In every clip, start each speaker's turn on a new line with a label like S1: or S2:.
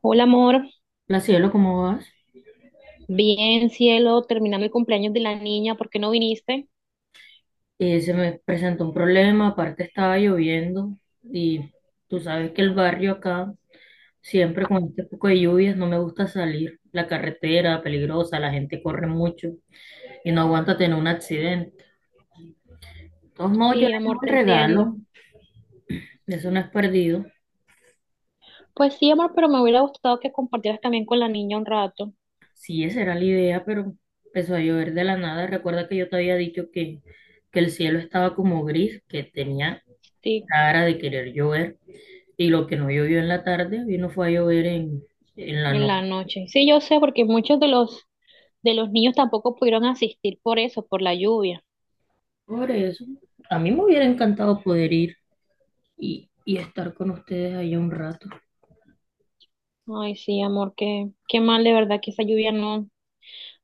S1: Hola, amor.
S2: La cielo, ¿cómo vas?
S1: Bien, cielo, terminando el cumpleaños de la niña, ¿por qué no viniste?
S2: Se me presentó un problema, aparte estaba lloviendo y tú sabes que el barrio acá, siempre con este poco de lluvias, no me gusta salir. La carretera peligrosa, la gente corre mucho y no aguanta tener un accidente. Entonces, no, yo le
S1: Sí, amor,
S2: llevo el
S1: te entiendo.
S2: regalo, eso no es perdido.
S1: Pues sí, amor, pero me hubiera gustado que compartieras también con la niña un rato,
S2: Sí, esa era la idea, pero empezó a llover de la nada. Recuerda que yo te había dicho que, el cielo estaba como gris, que tenía
S1: sí,
S2: cara de querer llover. Y lo que no llovió en la tarde, vino fue a llover en, la
S1: en la
S2: noche.
S1: noche. Sí, yo sé, porque muchos de los niños tampoco pudieron asistir por eso, por la lluvia.
S2: Por eso, a mí me hubiera encantado poder ir y estar con ustedes allá un rato.
S1: Ay, sí, amor, qué mal de verdad que esa lluvia no,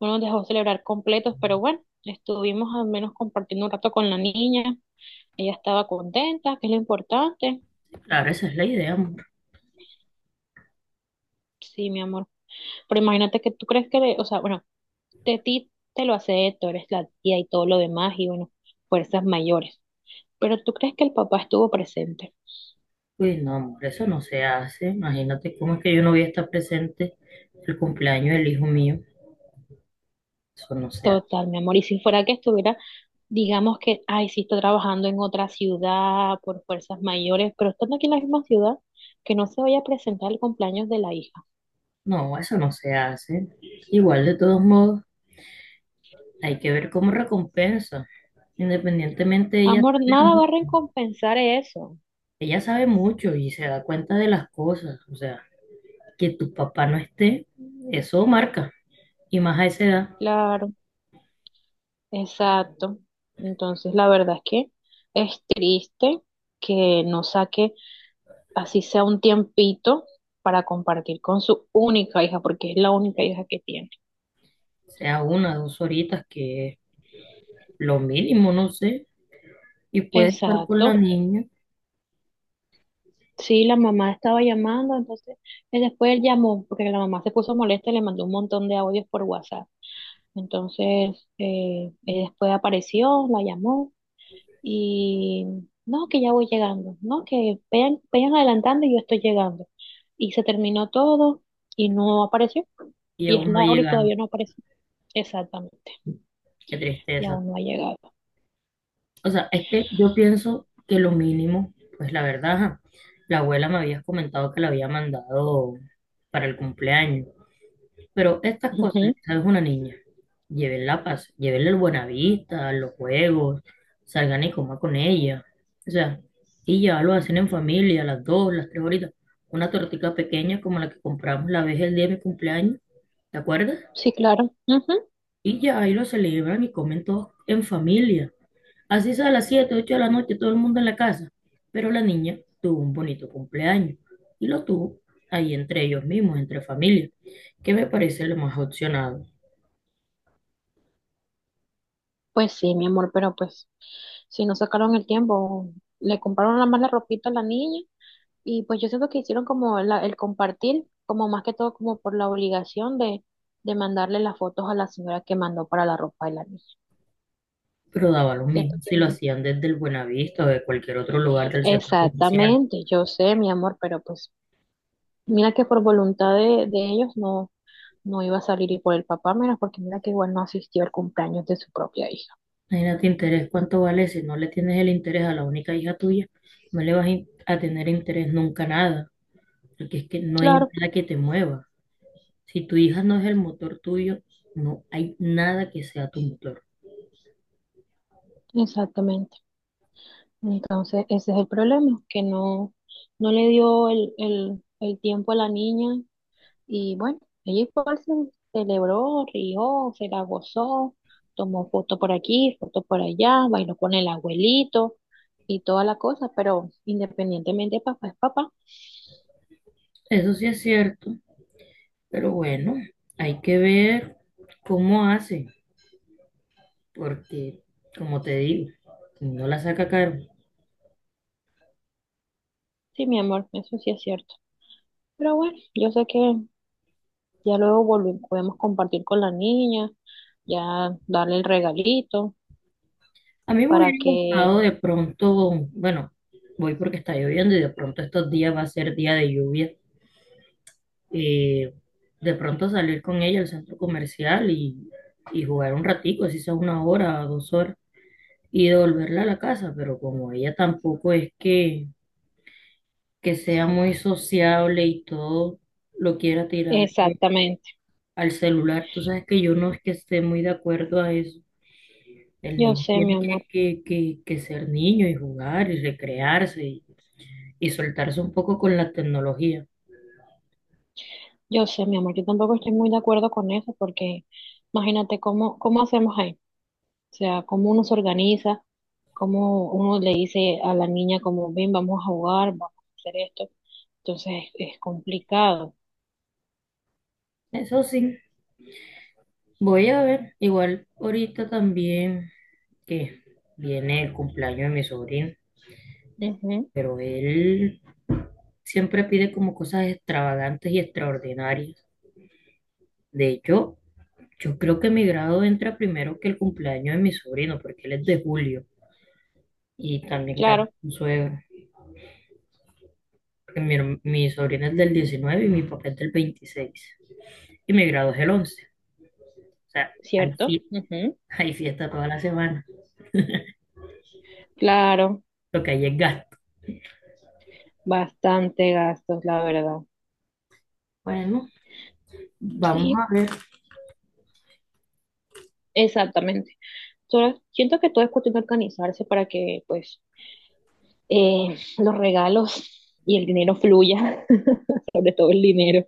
S1: no nos dejó celebrar completos, pero bueno, estuvimos al menos compartiendo un rato con la niña. Ella estaba contenta, que es lo importante.
S2: Claro, esa es la idea, amor.
S1: Sí, mi amor. Pero imagínate que tú crees que, o sea, bueno, de ti te lo hace, tú eres la tía y todo lo demás, y bueno, fuerzas mayores. Pero tú crees que el papá estuvo presente.
S2: Pues no, amor, eso no se hace. Imagínate cómo es que yo no voy a estar presente el cumpleaños del hijo mío. Eso no se hace.
S1: Total, mi amor. Y si fuera que estuviera, digamos que, ay, sí está trabajando en otra ciudad por fuerzas mayores, pero estando aquí en la misma ciudad, que no se vaya a presentar el cumpleaños de la hija.
S2: No, eso no se hace. Igual, de todos modos, hay que ver cómo recompensa. Independientemente,
S1: Amor, nada va a recompensar eso.
S2: ella sabe mucho y se da cuenta de las cosas. O sea, que tu papá no esté, eso marca. Y más a esa edad,
S1: Claro, exacto. Entonces, la verdad es que es triste que no saque así sea un tiempito para compartir con su única hija, porque es la única hija que tiene.
S2: sea una, dos horitas, que es lo mínimo, no sé. Y puede estar con la
S1: Exacto.
S2: niña
S1: Sí, la mamá estaba llamando, entonces él después él llamó, porque la mamá se puso molesta y le mandó un montón de audios por WhatsApp. Entonces, él después apareció, la llamó y no, que ya voy llegando, no, que vayan adelantando y yo estoy llegando. Y se terminó todo y no apareció.
S2: y
S1: Y es
S2: aún no ha
S1: Laura y
S2: llegado.
S1: todavía no apareció. Exactamente,
S2: Qué
S1: y
S2: tristeza.
S1: aún no ha llegado.
S2: O sea, es que yo pienso que lo mínimo, pues la verdad, ajá, la abuela me había comentado que la había mandado para el cumpleaños. Pero estas cosas,
S1: Ujú.
S2: ¿sabes? Una niña, llévenla, paz, llévenle el Buenavista, los juegos, salgan y coman con ella. O sea, y ya lo hacen en familia, a las dos, las tres horitas. Una tortita pequeña como la que compramos la vez el día de mi cumpleaños, ¿te acuerdas?
S1: Sí, claro. Ujú.
S2: Y ya ahí lo celebran y comen todos en familia. Así sea a las 7 8 de la noche, todo el mundo en la casa. Pero la niña tuvo un bonito cumpleaños y lo tuvo ahí entre ellos mismos, entre familia, que me parece lo más opcionado.
S1: Pues sí, mi amor, pero pues si no sacaron el tiempo, le compraron la mala ropita a la niña y pues yo siento que hicieron como el compartir, como más que todo como por la obligación de mandarle las fotos a la señora que mandó para la ropa de la niña.
S2: Pero daba lo
S1: Siento
S2: mismo
S1: que.
S2: si lo hacían desde el Buenavista o de cualquier otro lugar del centro comercial.
S1: Exactamente, yo sé, mi amor, pero pues mira que por voluntad de ellos no iba a salir y por el papá, mira, porque mira que igual no asistió al cumpleaños de su propia hija.
S2: Imagínate interés, ¿cuánto vale? Si no le tienes el interés a la única hija tuya, no le vas a tener interés nunca a nada, porque es que no hay
S1: Claro,
S2: nada que te mueva. Si tu hija no es el motor tuyo, no hay nada que sea tu motor.
S1: exactamente. Entonces, ese es el problema, que no le dio el tiempo a la niña y bueno, ella igual se celebró, rió, se la gozó, tomó foto por aquí, foto por allá, bailó con el abuelito y toda la cosa, pero independientemente, papá es papá.
S2: Eso sí es cierto, pero bueno, hay que ver cómo hace, porque como te digo, si no la saca caro.
S1: Sí, mi amor, eso sí es cierto. Pero bueno, yo sé que ya luego volvemos, podemos compartir con la niña, ya darle el regalito
S2: A mí me
S1: para
S2: hubiera
S1: que.
S2: gustado de pronto, bueno, voy porque está lloviendo y de pronto estos días va a ser día de lluvia. eh, de pronto salir con ella al centro comercial y, jugar un ratico, así sea una hora, dos horas, y devolverla a la casa, pero como ella tampoco es que sea muy sociable y todo lo quiera tirar
S1: Exactamente,
S2: al celular, tú sabes que yo no es que esté muy de acuerdo a eso. El
S1: yo
S2: niño
S1: sé, mi
S2: tiene
S1: amor.
S2: que ser niño y jugar y recrearse y soltarse un poco con la tecnología.
S1: Yo sé, mi amor, yo tampoco estoy muy de acuerdo con eso porque imagínate cómo hacemos ahí, o sea, cómo uno se organiza, cómo uno le dice a la niña como, ven, vamos a jugar, vamos a hacer esto. Entonces es complicado.
S2: Eso sí, voy a ver, igual ahorita también que viene el cumpleaños de mi sobrino,
S1: Ujú,
S2: pero él siempre pide como cosas extravagantes y extraordinarias. De hecho, yo creo que mi grado entra primero que el cumpleaños de mi sobrino, porque él es de julio y también canta
S1: claro,
S2: su suegro. Porque mi sobrino es del 19 y mi papá es del 26. Y mi grado es el 11. O sea, hay,
S1: cierto.
S2: fie-
S1: Ujú,
S2: hay fiesta toda la semana.
S1: claro,
S2: Lo que hay es gasto.
S1: bastante gastos, la verdad.
S2: Bueno, vamos
S1: Sí,
S2: a ver.
S1: exactamente. Solo siento que todo es cuestión de organizarse para que pues los regalos y el dinero fluya, sobre todo el dinero,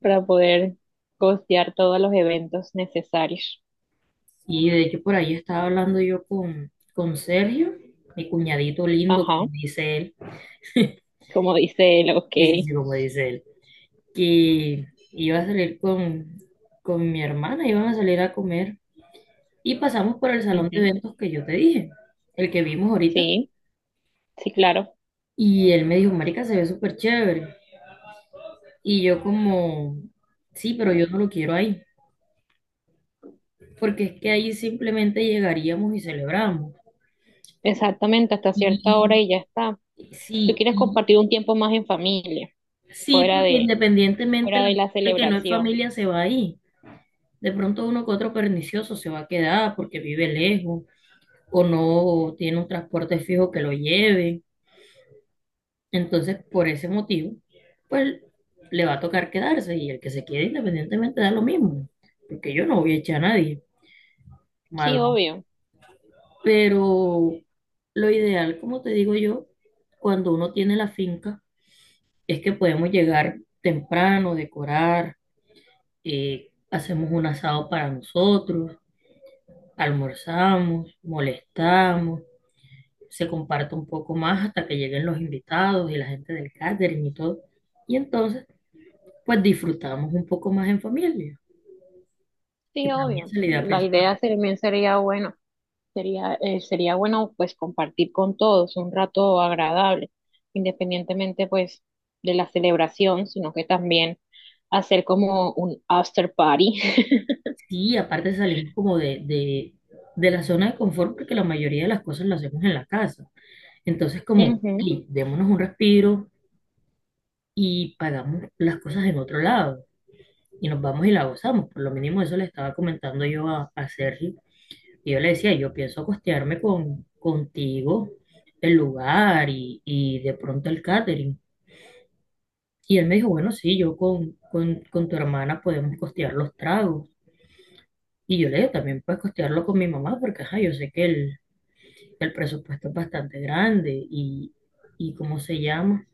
S1: para poder costear todos los eventos necesarios.
S2: Y de hecho por ahí estaba hablando yo con, Sergio, mi cuñadito lindo,
S1: Ajá,
S2: como dice él.
S1: como dice él, ok.
S2: Sí, sí, sí, como dice él. Que iba a salir con mi hermana, iban a salir a comer. Y pasamos por el salón de
S1: Ujú.
S2: eventos que yo te dije, el que vimos ahorita.
S1: Sí, sí, claro.
S2: Y él me dijo, marica, se ve súper chévere. Y yo como, sí, pero yo no lo quiero ahí. Porque es que ahí simplemente llegaríamos y celebramos.
S1: Exactamente, hasta
S2: Y
S1: cierta hora y ya está. Tú
S2: sí,
S1: quieres compartir un tiempo más en familia,
S2: sí,
S1: fuera
S2: porque
S1: de,
S2: independientemente
S1: fuera
S2: la
S1: de la
S2: gente que no es
S1: celebración.
S2: familia se va ahí. De pronto uno que otro pernicioso se va a quedar porque vive lejos o no tiene un transporte fijo que lo lleve. Entonces, por ese motivo, pues le va a tocar quedarse y el que se quede independientemente da lo mismo, porque yo no voy a echar a nadie,
S1: Sí,
S2: madrugo.
S1: obvio,
S2: Pero lo ideal, como te digo yo, cuando uno tiene la finca, es que podemos llegar temprano, decorar, hacemos un asado para nosotros, almorzamos, molestamos, se comparte un poco más hasta que lleguen los invitados y la gente del catering y todo. Y entonces, pues disfrutamos un poco más en familia. Y
S1: sí,
S2: para mí
S1: obvio.
S2: esa es la idea
S1: La
S2: principal.
S1: idea también sería, bueno, sería, sería bueno pues compartir con todos un rato agradable, independientemente pues de la celebración, sino que también hacer como un after party.
S2: Sí, aparte salimos como de, la zona de confort porque la mayoría de las cosas las hacemos en la casa. Entonces, como,
S1: Ujú.
S2: sí, démonos un respiro y pagamos las cosas en otro lado. Y nos vamos y la gozamos. Por lo mínimo eso le estaba comentando yo a, Sergio. Y yo le decía, yo pienso costearme con, contigo el lugar y de pronto el catering. Y él me dijo, bueno, sí, yo con tu hermana podemos costear los tragos. Y yo le dije, también puedes costearlo con mi mamá, porque ajá, yo sé que el, presupuesto es bastante grande y ¿cómo se llama?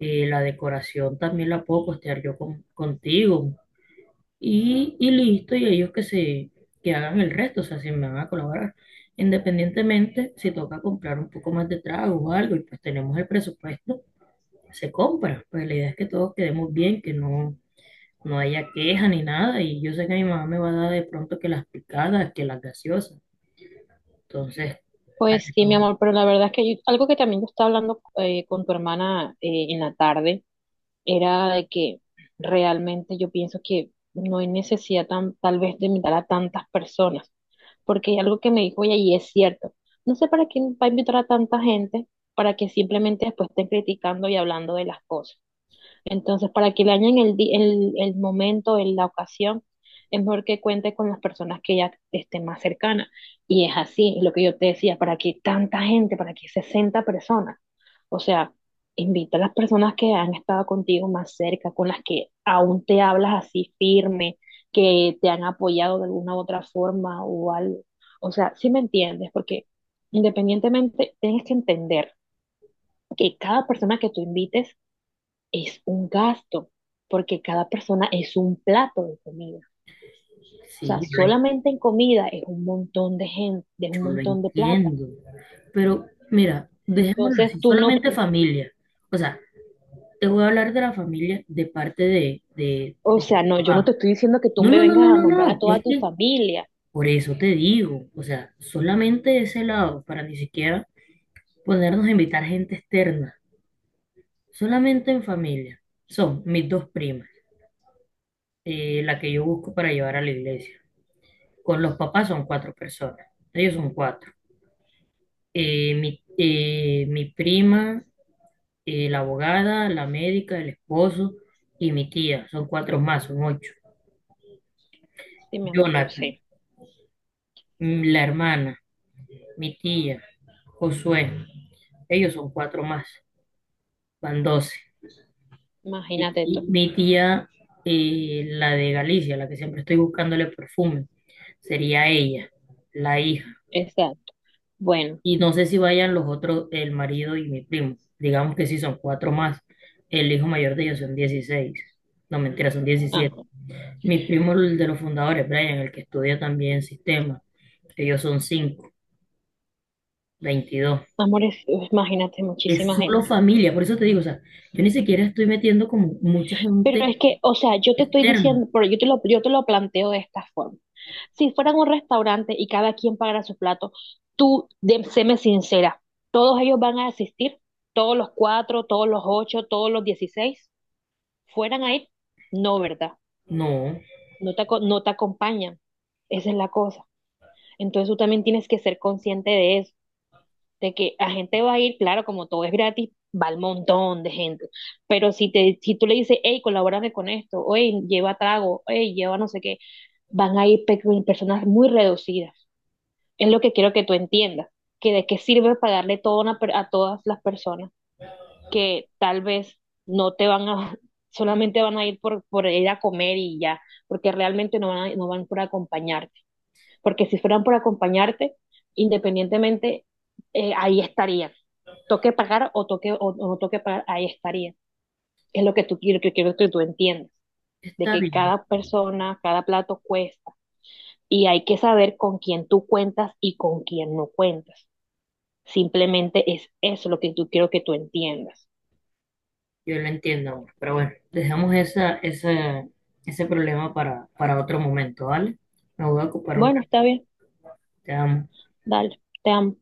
S2: La decoración también la puedo costear yo contigo, y listo, y ellos que hagan el resto, o sea, si me van a colaborar. Independientemente, si toca comprar un poco más de trago o algo, y pues tenemos el presupuesto, se compra. Pues la idea es que todos quedemos bien, que no haya queja ni nada, y yo sé que mi mamá me va a dar de pronto que las picadas, que las gaseosas. Entonces, a
S1: Pues sí, mi
S2: eso,
S1: amor, pero la verdad es que yo- algo que también yo estaba hablando con tu hermana en la tarde era de que realmente yo pienso que no hay necesidad tal vez de invitar a tantas personas, porque hay algo que me dijo ella y es cierto. No sé para quién va a invitar a tanta gente para que simplemente después estén criticando y hablando de las cosas. Entonces, para que le añaden el momento, la ocasión, es mejor que cuente con las personas que ya estén más cercanas. Y es así, es lo que yo te decía, para que tanta gente, para que 60 personas. O sea, invita a las personas que han estado contigo más cerca, con las que aún te hablas así firme, que te han apoyado de alguna u otra forma o algo. O sea, si me entiendes, porque independientemente tienes que entender que cada persona que tú invites es un gasto, porque cada persona es un plato de comida. O sea,
S2: sí, yo
S1: solamente en comida es un montón de gente, es un
S2: lo
S1: montón de plata.
S2: entiendo. Pero mira, dejémoslo
S1: Entonces
S2: así,
S1: tú no,
S2: solamente familia. O sea, te voy a hablar de la familia de parte
S1: o
S2: de tu
S1: sea, no, yo no te
S2: papá.
S1: estoy diciendo que tú
S2: No,
S1: me
S2: no, no,
S1: vengas
S2: no,
S1: a
S2: no, no.
S1: nombrar a
S2: no.
S1: toda
S2: Es
S1: tu
S2: que
S1: familia.
S2: por eso te digo, o sea, solamente ese lado, para ni siquiera ponernos a invitar gente externa, solamente en familia. Son mis dos primas, la que yo busco para llevar a la iglesia. Con los papás son cuatro personas, ellos son cuatro. Mi prima, la abogada, la médica, el esposo y mi tía, son cuatro más, son ocho.
S1: Sí, mi amor, yo
S2: Jonathan.
S1: sé.
S2: La hermana, mi tía, Josué, ellos son cuatro más, van 12. Y,
S1: Imagínate tú.
S2: y mi tía, la de Galicia, la que siempre estoy buscándole perfume, sería ella, la hija.
S1: Exacto. Bueno,
S2: Y no sé si vayan los otros, el marido y mi primo. Digamos que sí son cuatro más. El hijo mayor de ellos son 16. No, mentira, son 17.
S1: ah,
S2: Mi primo, el de los fundadores, Brian, el que estudia también sistema, ellos son 5, 22.
S1: amores, imagínate
S2: Es
S1: muchísima
S2: solo
S1: gente.
S2: familia, por eso te digo, o sea, yo ni siquiera estoy metiendo como mucha
S1: Pero
S2: gente
S1: es que, o sea, yo te estoy diciendo,
S2: externa.
S1: pero yo te lo planteo de esta forma. Si fueran un restaurante y cada quien pagara su plato, tú, séme sincera, ¿todos ellos van a asistir? ¿Todos los cuatro, todos los ocho, todos los 16? ¿Fueran a ir? No, ¿verdad?
S2: No,
S1: No te, no te acompañan. Esa es la cosa. Entonces tú también tienes que ser consciente de eso de que la gente va a ir, claro, como todo es gratis, va el montón de gente. Pero si te, si tú le dices, hey, colabórame con esto, o hey, lleva trago, hey, lleva no sé qué, van a ir personas muy reducidas. Es lo que quiero que tú entiendas, que de qué sirve pagarle todo a a todas las personas que tal vez no te van a, solamente van a ir por ir a comer y ya, porque realmente no van por acompañar, porque si fueran por acompañarte, independientemente, ahí estarías. Toque pagar o, toque, o no toque pagar, ahí estarías. Es lo que tú quiero que tú entiendas, de
S2: está
S1: que
S2: bien,
S1: cada persona, cada plato cuesta y hay que saber con quién tú cuentas y con quién no cuentas. Simplemente es eso lo que tú quiero que tú entiendas.
S2: yo lo entiendo amor, pero bueno, dejamos esa, ese problema para, otro momento, ¿vale? Me voy a ocupar un
S1: Bueno,
S2: rato,
S1: está bien,
S2: te amo.
S1: dale, te amo.